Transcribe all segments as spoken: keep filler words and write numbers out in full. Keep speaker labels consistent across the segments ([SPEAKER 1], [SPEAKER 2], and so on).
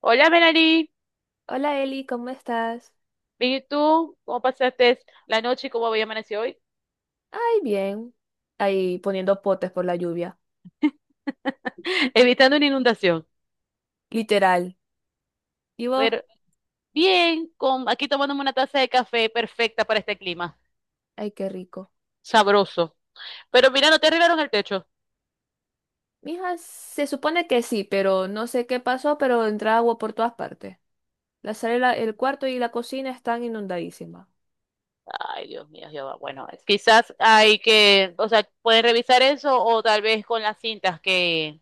[SPEAKER 1] Hola, Melanie.
[SPEAKER 2] Hola Eli, ¿cómo estás?
[SPEAKER 1] ¿Y tú? ¿Cómo pasaste la noche y cómo había amanecido hoy?
[SPEAKER 2] Ay, bien. Ahí poniendo potes por la lluvia.
[SPEAKER 1] Evitando una inundación.
[SPEAKER 2] Literal. ¿Y vos?
[SPEAKER 1] Pero bien, con, aquí tomándome una taza de café perfecta para este clima.
[SPEAKER 2] Ay, qué rico.
[SPEAKER 1] Sabroso. Pero mira, no te arreglaron el techo.
[SPEAKER 2] Mija, se supone que sí, pero no sé qué pasó, pero entra agua por todas partes. La sala, el cuarto y la cocina están inundadísimas.
[SPEAKER 1] Ay, Dios mío, Jehová. Bueno, es- quizás hay que, o sea, pueden revisar eso o tal vez con las cintas que,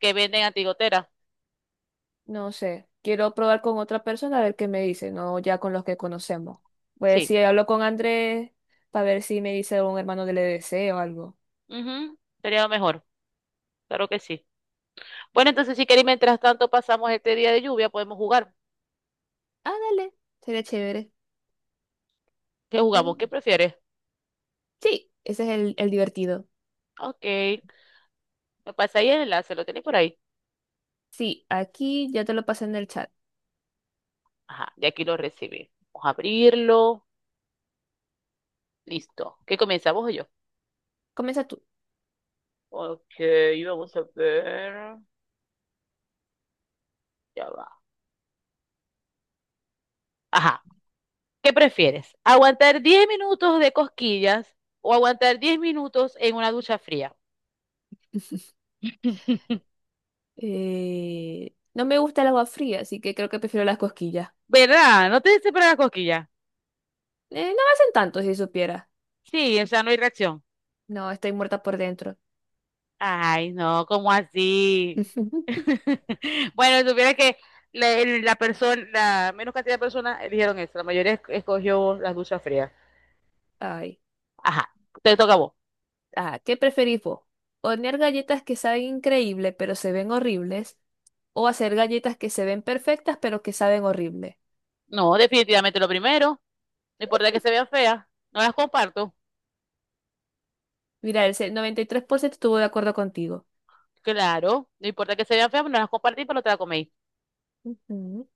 [SPEAKER 1] que venden a Tigotera.
[SPEAKER 2] No sé. Quiero probar con otra persona a ver qué me dice, no ya con los que conocemos. Voy a
[SPEAKER 1] Sí.
[SPEAKER 2] decir, hablo con Andrés para ver si me dice un hermano del E D C o algo.
[SPEAKER 1] Ujú, sería lo mejor. Claro que sí. Bueno, entonces si queréis, mientras tanto pasamos este día de lluvia, podemos jugar.
[SPEAKER 2] Ah, dale. Sería chévere.
[SPEAKER 1] ¿Qué jugamos? ¿Qué
[SPEAKER 2] Sí,
[SPEAKER 1] prefieres?
[SPEAKER 2] sí, ese es el, el divertido.
[SPEAKER 1] Ok. Me pasáis el enlace, ¿lo tenéis por ahí?
[SPEAKER 2] Sí, aquí ya te lo pasé en el chat.
[SPEAKER 1] Ajá, de aquí lo recibí. Vamos a abrirlo. Listo. ¿Qué comienza, vos o yo?
[SPEAKER 2] Comienza tú.
[SPEAKER 1] Ok, vamos a ver. Ya va. Ajá. ¿Qué prefieres? ¿Aguantar diez minutos de cosquillas o aguantar diez minutos en una ducha fría?
[SPEAKER 2] Eh, no me gusta el agua fría, así que creo que prefiero las cosquillas.
[SPEAKER 1] ¿Verdad? ¿No te separan las cosquillas?
[SPEAKER 2] Eh, no me hacen tanto si supiera.
[SPEAKER 1] Sí, o sea, no hay reacción.
[SPEAKER 2] No, estoy muerta por dentro.
[SPEAKER 1] Ay, no, ¿cómo así? Bueno, si supiera que la, el- la persona, la menos cantidad de personas eligieron eso. La mayoría es- escogió las duchas frías.
[SPEAKER 2] Ay.
[SPEAKER 1] Ajá, te toca a vos.
[SPEAKER 2] Ah, ¿qué preferís vos? ¿Hornear galletas que saben increíble pero se ven horribles? ¿O hacer galletas que se ven perfectas pero que saben horrible?
[SPEAKER 1] No, definitivamente lo primero. No importa que se vean feas, no las comparto.
[SPEAKER 2] Mira, el se- noventa y tres por ciento estuvo de acuerdo contigo.
[SPEAKER 1] Claro, no importa que se vean feas, no las compartí, pero no te las coméis.
[SPEAKER 2] Ujú.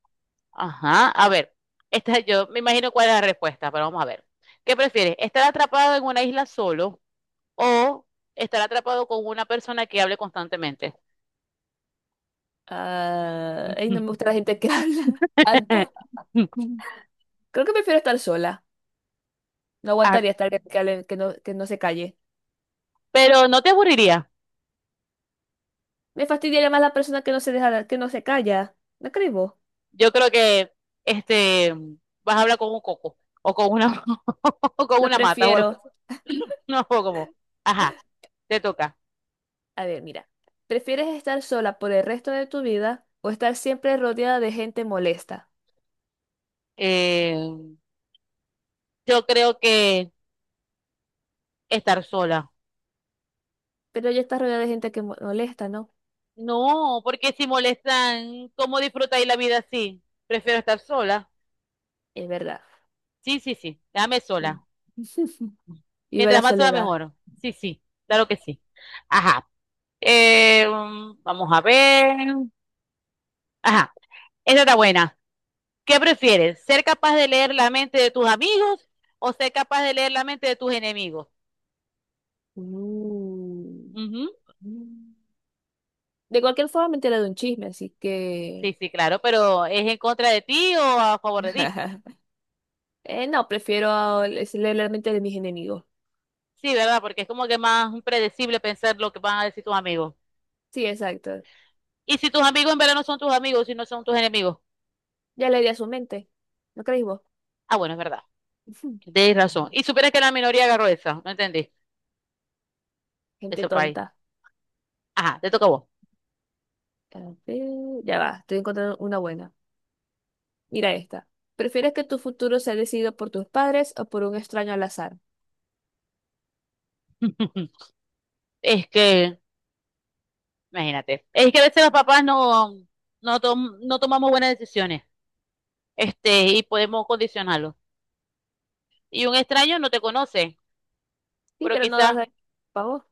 [SPEAKER 1] Ajá, a ver. Esta, yo me imagino cuál es la respuesta, pero vamos a ver. ¿Qué prefieres? ¿Estar atrapado en una isla solo o estar atrapado con una persona que hable constantemente?
[SPEAKER 2] Ah, ay, no me gusta la gente que habla tanto. Creo que prefiero estar sola. No
[SPEAKER 1] Ah,
[SPEAKER 2] aguantaría estar que, que que no, que no se calle.
[SPEAKER 1] pero no te aburriría.
[SPEAKER 2] Me fastidiaría más la persona que no se deja, que no se calla. ¿No crees vos?
[SPEAKER 1] Yo creo que este, vas a hablar con un coco o con una, o con
[SPEAKER 2] Lo
[SPEAKER 1] una mata o algo así.
[SPEAKER 2] prefiero.
[SPEAKER 1] No, como, ajá, te toca.
[SPEAKER 2] A ver, mira. ¿Prefieres estar sola por el resto de tu vida o estar siempre rodeada de gente molesta?
[SPEAKER 1] Eh, yo creo que estar sola.
[SPEAKER 2] Pero ya estás rodeada de gente que mo- molesta, ¿no?
[SPEAKER 1] No, porque si molestan, ¿cómo disfrutáis la vida así? Prefiero estar sola.
[SPEAKER 2] Es verdad.
[SPEAKER 1] Sí, sí, sí, déjame
[SPEAKER 2] Sí.
[SPEAKER 1] sola.
[SPEAKER 2] Viva la
[SPEAKER 1] Mientras más sola,
[SPEAKER 2] soledad.
[SPEAKER 1] mejor. Sí, sí, claro que sí. Ajá. Eh, mm, vamos a ver. Ajá, esta está buena. ¿Qué prefieres? ¿Ser capaz de leer la mente de tus amigos o ser capaz de leer la mente de tus enemigos?
[SPEAKER 2] Uh.
[SPEAKER 1] Ujú.
[SPEAKER 2] De cualquier forma me enteré de un chisme, así que...
[SPEAKER 1] Sí, sí, claro, pero ¿es en contra de ti o a favor de ti?
[SPEAKER 2] Eh, no, prefiero a- leer la mente de mis enemigos.
[SPEAKER 1] Sí, ¿verdad? Porque es como que más predecible pensar lo que van a decir tus amigos.
[SPEAKER 2] Sí, exacto.
[SPEAKER 1] Y si tus amigos en verdad no son tus amigos, si no son tus enemigos.
[SPEAKER 2] Ya le di a su mente. ¿No creéis vos?
[SPEAKER 1] Ah, bueno, es verdad.
[SPEAKER 2] Ujú.
[SPEAKER 1] Tienes razón. Y supieras que la minoría agarró esa, no entendí, de
[SPEAKER 2] Gente
[SPEAKER 1] ese país.
[SPEAKER 2] tonta.
[SPEAKER 1] Ajá, te toca a vos.
[SPEAKER 2] A ver, ya va, estoy encontrando una buena. Mira esta. ¿Prefieres que tu futuro sea decidido por tus padres o por un extraño al azar?
[SPEAKER 1] Es que, imagínate, es que a veces los papás no, no, tom- no tomamos buenas decisiones, este, y podemos condicionarlos. Y un extraño no te conoce,
[SPEAKER 2] Sí,
[SPEAKER 1] pero
[SPEAKER 2] pero no
[SPEAKER 1] quizás,
[SPEAKER 2] das para vos.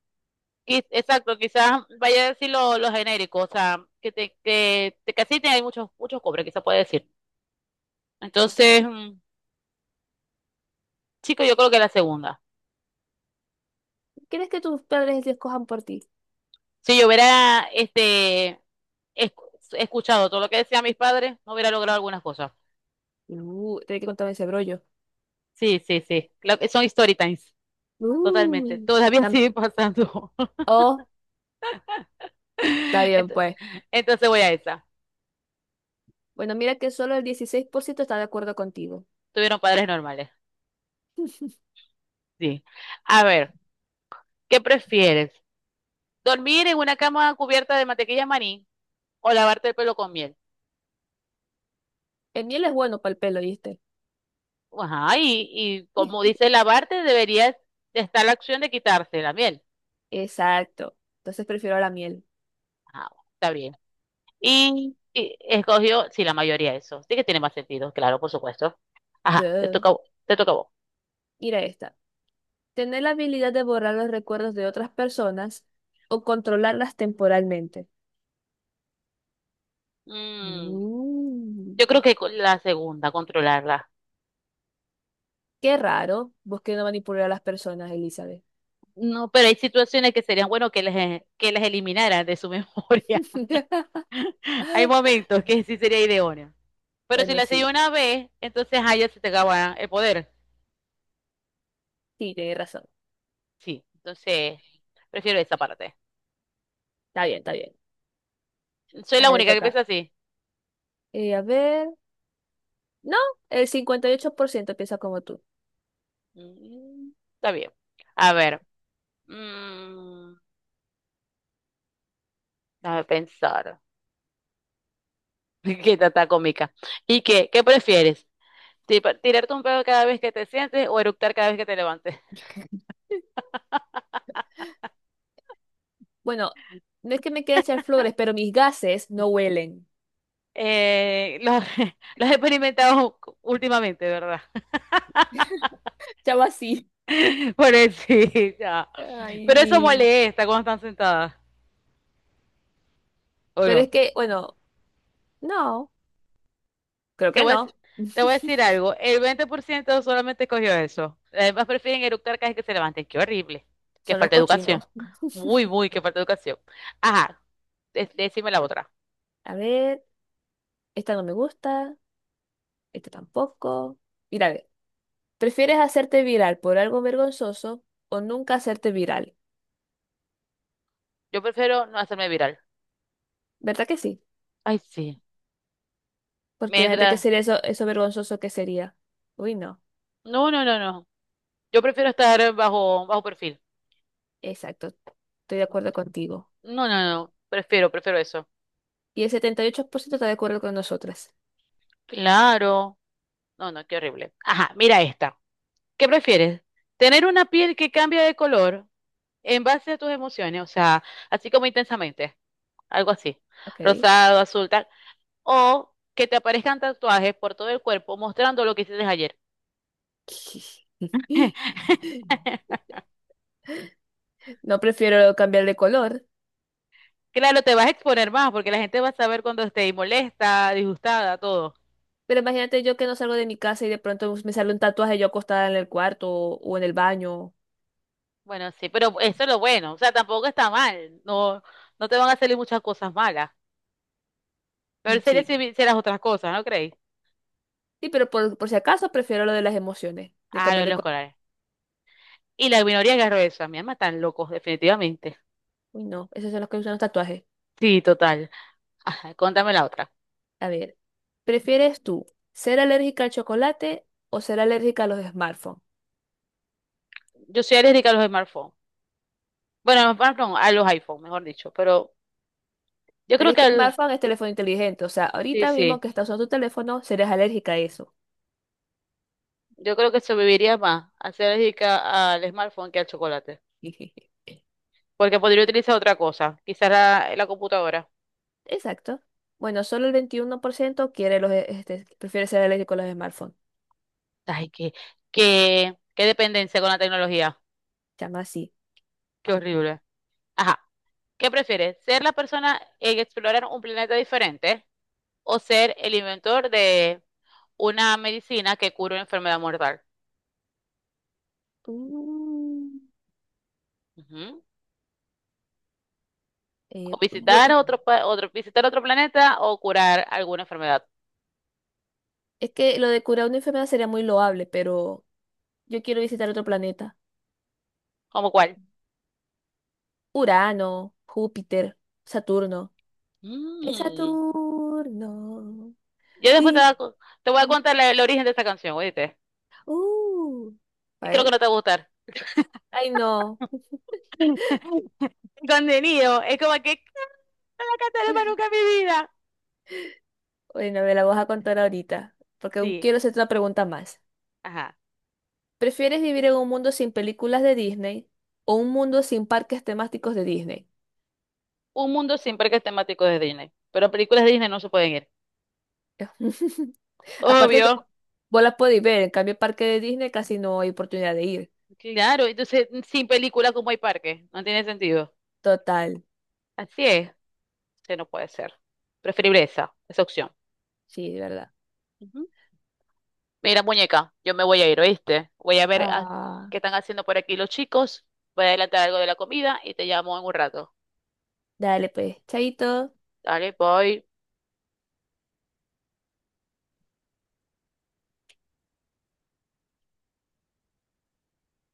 [SPEAKER 1] quiz- exacto, quizás vaya a decir lo, lo genérico, o sea, que te, que te casiten hay muchos, muchos cobres, quizás puede decir. Entonces, mm, chico, yo creo que la segunda.
[SPEAKER 2] ¿Quieres que tus padres te escojan por ti?
[SPEAKER 1] Si yo hubiera este escu- escuchado todo lo que decían mis padres, no hubiera logrado algunas cosas.
[SPEAKER 2] Uh, tenés que contarme ese brollo.
[SPEAKER 1] Sí, sí, sí. Claro que son story times, totalmente.
[SPEAKER 2] Uy.
[SPEAKER 1] Todavía
[SPEAKER 2] Tam-
[SPEAKER 1] sigue pasando.
[SPEAKER 2] oh, está bien,
[SPEAKER 1] Entonces,
[SPEAKER 2] pues.
[SPEAKER 1] entonces voy a esa.
[SPEAKER 2] Bueno, mira que solo el dieciséis por ciento está de acuerdo contigo.
[SPEAKER 1] Tuvieron padres normales. Sí. A ver, ¿qué prefieres? Dormir en una cama cubierta de mantequilla maní o lavarte el pelo con miel.
[SPEAKER 2] El miel es bueno para el pelo, ¿viste?
[SPEAKER 1] Ajá, y, y como dice lavarte, debería estar la opción de quitarse la miel.
[SPEAKER 2] Exacto. Entonces prefiero la miel.
[SPEAKER 1] Ajá, está bien. Y, y escogió, sí, la mayoría eso. Sí que tiene más sentido, claro, por supuesto. Ajá, te
[SPEAKER 2] Duh.
[SPEAKER 1] toca, a vo- te toca a vos.
[SPEAKER 2] Mira esta. Tener la habilidad de borrar los recuerdos de otras personas o controlarlas temporalmente.
[SPEAKER 1] Mm,
[SPEAKER 2] Mm,
[SPEAKER 1] yo creo que con la segunda, controlarla.
[SPEAKER 2] qué raro. Vos que no manipular a las personas, Elizabeth.
[SPEAKER 1] No, pero hay situaciones que serían bueno que les, que les eliminaran de su memoria. Hay momentos que sí sería idóneo. Pero si
[SPEAKER 2] Bueno,
[SPEAKER 1] lo hacía
[SPEAKER 2] sí,
[SPEAKER 1] una vez, entonces a ella se te acaba el poder.
[SPEAKER 2] sí, tenés razón.
[SPEAKER 1] Sí, entonces prefiero esa parte.
[SPEAKER 2] Está bien, está bien.
[SPEAKER 1] Soy la
[SPEAKER 2] Ajá, le
[SPEAKER 1] única que
[SPEAKER 2] toca.
[SPEAKER 1] piensa así.
[SPEAKER 2] Eh, a ver. No, el cincuenta y ocho por ciento piensa como tú.
[SPEAKER 1] Mm, Está bien. A ver, mm, déjame pensar. Qué está tan cómica. ¿Y qué? ¿Qué prefieres? ¿Ti- ¿Tirarte un pedo cada vez que te sientes o eructar cada vez que te levantes?
[SPEAKER 2] Bueno, no es que me quiera echar flores, pero mis gases no huelen.
[SPEAKER 1] Eh, lo, lo he experimentado últimamente, ¿verdad?
[SPEAKER 2] Chavo así.
[SPEAKER 1] Por eso, sí, ya.
[SPEAKER 2] Ay,
[SPEAKER 1] Pero eso
[SPEAKER 2] y-
[SPEAKER 1] molesta cuando están sentadas, ¿o
[SPEAKER 2] pero
[SPEAKER 1] no?
[SPEAKER 2] es que, bueno, no, creo
[SPEAKER 1] Te
[SPEAKER 2] que
[SPEAKER 1] voy a,
[SPEAKER 2] no.
[SPEAKER 1] dec- Te voy a decir algo, el veinte por ciento solamente escogió eso. Además prefieren eructar cada vez que se levanten. Qué horrible. Qué
[SPEAKER 2] Son los
[SPEAKER 1] falta de educación.
[SPEAKER 2] cochinos.
[SPEAKER 1] Muy, muy, qué falta de educación. Ajá, de- decime la otra.
[SPEAKER 2] A ver. Esta no me gusta, esta tampoco. Mira, a ver, ¿prefieres hacerte viral por algo vergonzoso o nunca hacerte viral?
[SPEAKER 1] Yo prefiero no hacerme viral.
[SPEAKER 2] ¿Verdad que sí?
[SPEAKER 1] Ay, sí.
[SPEAKER 2] Porque imagínate que
[SPEAKER 1] Mientras...
[SPEAKER 2] sería eso, eso vergonzoso que sería. Uy, no.
[SPEAKER 1] No, no, no, no. Yo prefiero estar bajo, bajo perfil.
[SPEAKER 2] Exacto. Estoy de acuerdo contigo.
[SPEAKER 1] No, no, no. Prefiero, prefiero eso.
[SPEAKER 2] Y el setenta y ocho por ciento está de acuerdo con nosotras.
[SPEAKER 1] Claro. No, no, qué horrible. Ajá, mira esta. ¿Qué prefieres? ¿Tener una piel que cambia de color en base a tus emociones? O sea, así como intensamente. Algo así,
[SPEAKER 2] Ok.
[SPEAKER 1] rosado, azul, tal, o que te aparezcan tatuajes por todo el cuerpo mostrando lo que hiciste ayer.
[SPEAKER 2] No prefiero cambiar de color.
[SPEAKER 1] Claro, te vas a exponer más porque la gente va a saber cuando estés molesta, disgustada, todo.
[SPEAKER 2] Pero imagínate yo que no salgo de mi casa y de pronto me sale un tatuaje yo acostada en el cuarto o, o en el baño.
[SPEAKER 1] Bueno, sí, pero eso es lo bueno, o sea, tampoco está mal, no, no te van a salir muchas cosas malas, pero
[SPEAKER 2] Mm,
[SPEAKER 1] sería si
[SPEAKER 2] sí.
[SPEAKER 1] hicieras otras cosas, ¿no creéis?
[SPEAKER 2] Sí, pero por, por si acaso prefiero lo de las emociones, de
[SPEAKER 1] Ah,
[SPEAKER 2] cambiar
[SPEAKER 1] los,
[SPEAKER 2] de
[SPEAKER 1] los
[SPEAKER 2] color.
[SPEAKER 1] corales. Y la minoría agarró eso, a mi alma están locos, definitivamente.
[SPEAKER 2] Uy, no, esas son las que usan los tatuajes.
[SPEAKER 1] Sí, total. Ajá, contame la otra.
[SPEAKER 2] A ver, ¿prefieres tú ser alérgica al chocolate o ser alérgica a los smartphones?
[SPEAKER 1] Yo soy alérgica a los smartphones. Bueno, a los smartphones, a los iPhones, mejor dicho, pero Yo
[SPEAKER 2] Pero
[SPEAKER 1] creo
[SPEAKER 2] es
[SPEAKER 1] que
[SPEAKER 2] que el
[SPEAKER 1] al,
[SPEAKER 2] smartphone es teléfono inteligente, o sea,
[SPEAKER 1] sí,
[SPEAKER 2] ahorita mismo
[SPEAKER 1] sí,
[SPEAKER 2] que estás usando tu teléfono, serás alérgica a eso.
[SPEAKER 1] yo creo que sobreviviría más a ser alérgica al smartphone que al chocolate, porque podría utilizar otra cosa, quizás la, la computadora.
[SPEAKER 2] Exacto. Bueno, solo el veintiuno por ciento quiere los, e- este, prefiere ser alérgico a los smartphones.
[SPEAKER 1] Ay, qué, qué, qué dependencia con la tecnología,
[SPEAKER 2] Llama así.
[SPEAKER 1] qué horrible. Ajá, ¿qué prefieres? ¿Ser la persona en explorar un planeta diferente o ser el inventor de una medicina que cura una enfermedad mortal?
[SPEAKER 2] Mm,
[SPEAKER 1] Ujú. O
[SPEAKER 2] eh, bu-
[SPEAKER 1] visitar otro, pa- otro, visitar otro planeta o curar alguna enfermedad.
[SPEAKER 2] es que lo de curar una enfermedad sería muy loable, pero yo quiero visitar otro planeta.
[SPEAKER 1] ¿Cómo cuál?
[SPEAKER 2] Urano, Júpiter, Saturno. Es
[SPEAKER 1] Mm.
[SPEAKER 2] Saturno.
[SPEAKER 1] Yo después te, da-
[SPEAKER 2] Pin,
[SPEAKER 1] te voy a
[SPEAKER 2] pin.
[SPEAKER 1] contar la- el origen de esta canción, oíste.
[SPEAKER 2] Uh. A
[SPEAKER 1] Y creo que
[SPEAKER 2] ver.
[SPEAKER 1] no te va a gustar.
[SPEAKER 2] Ay, no.
[SPEAKER 1] El contenido es como que no la cantaré más nunca en mi vida.
[SPEAKER 2] Bueno, me la vas a contar ahorita, porque aún
[SPEAKER 1] Sí,
[SPEAKER 2] quiero hacerte una pregunta más.
[SPEAKER 1] ajá.
[SPEAKER 2] ¿Prefieres vivir en un mundo sin películas de Disney o un mundo sin parques temáticos de Disney?
[SPEAKER 1] Un mundo sin parques temáticos de Disney. Pero películas de Disney no se pueden ir.
[SPEAKER 2] Aparte que
[SPEAKER 1] Obvio.
[SPEAKER 2] vos las podéis ver, en cambio, parque de Disney casi no hay oportunidad de ir.
[SPEAKER 1] Claro, entonces sin películas como hay parques. No tiene sentido.
[SPEAKER 2] Total,
[SPEAKER 1] Así es. Sí, no puede ser. Preferible esa, esa opción.
[SPEAKER 2] sí, de verdad.
[SPEAKER 1] Ujú. Mira, muñeca, yo me voy a ir, ¿oíste? Voy a ver a-
[SPEAKER 2] Ah,
[SPEAKER 1] qué están haciendo por aquí los chicos. Voy a adelantar algo de la comida y te llamo en un rato.
[SPEAKER 2] dale pues, chaito.
[SPEAKER 1] Dale, voy.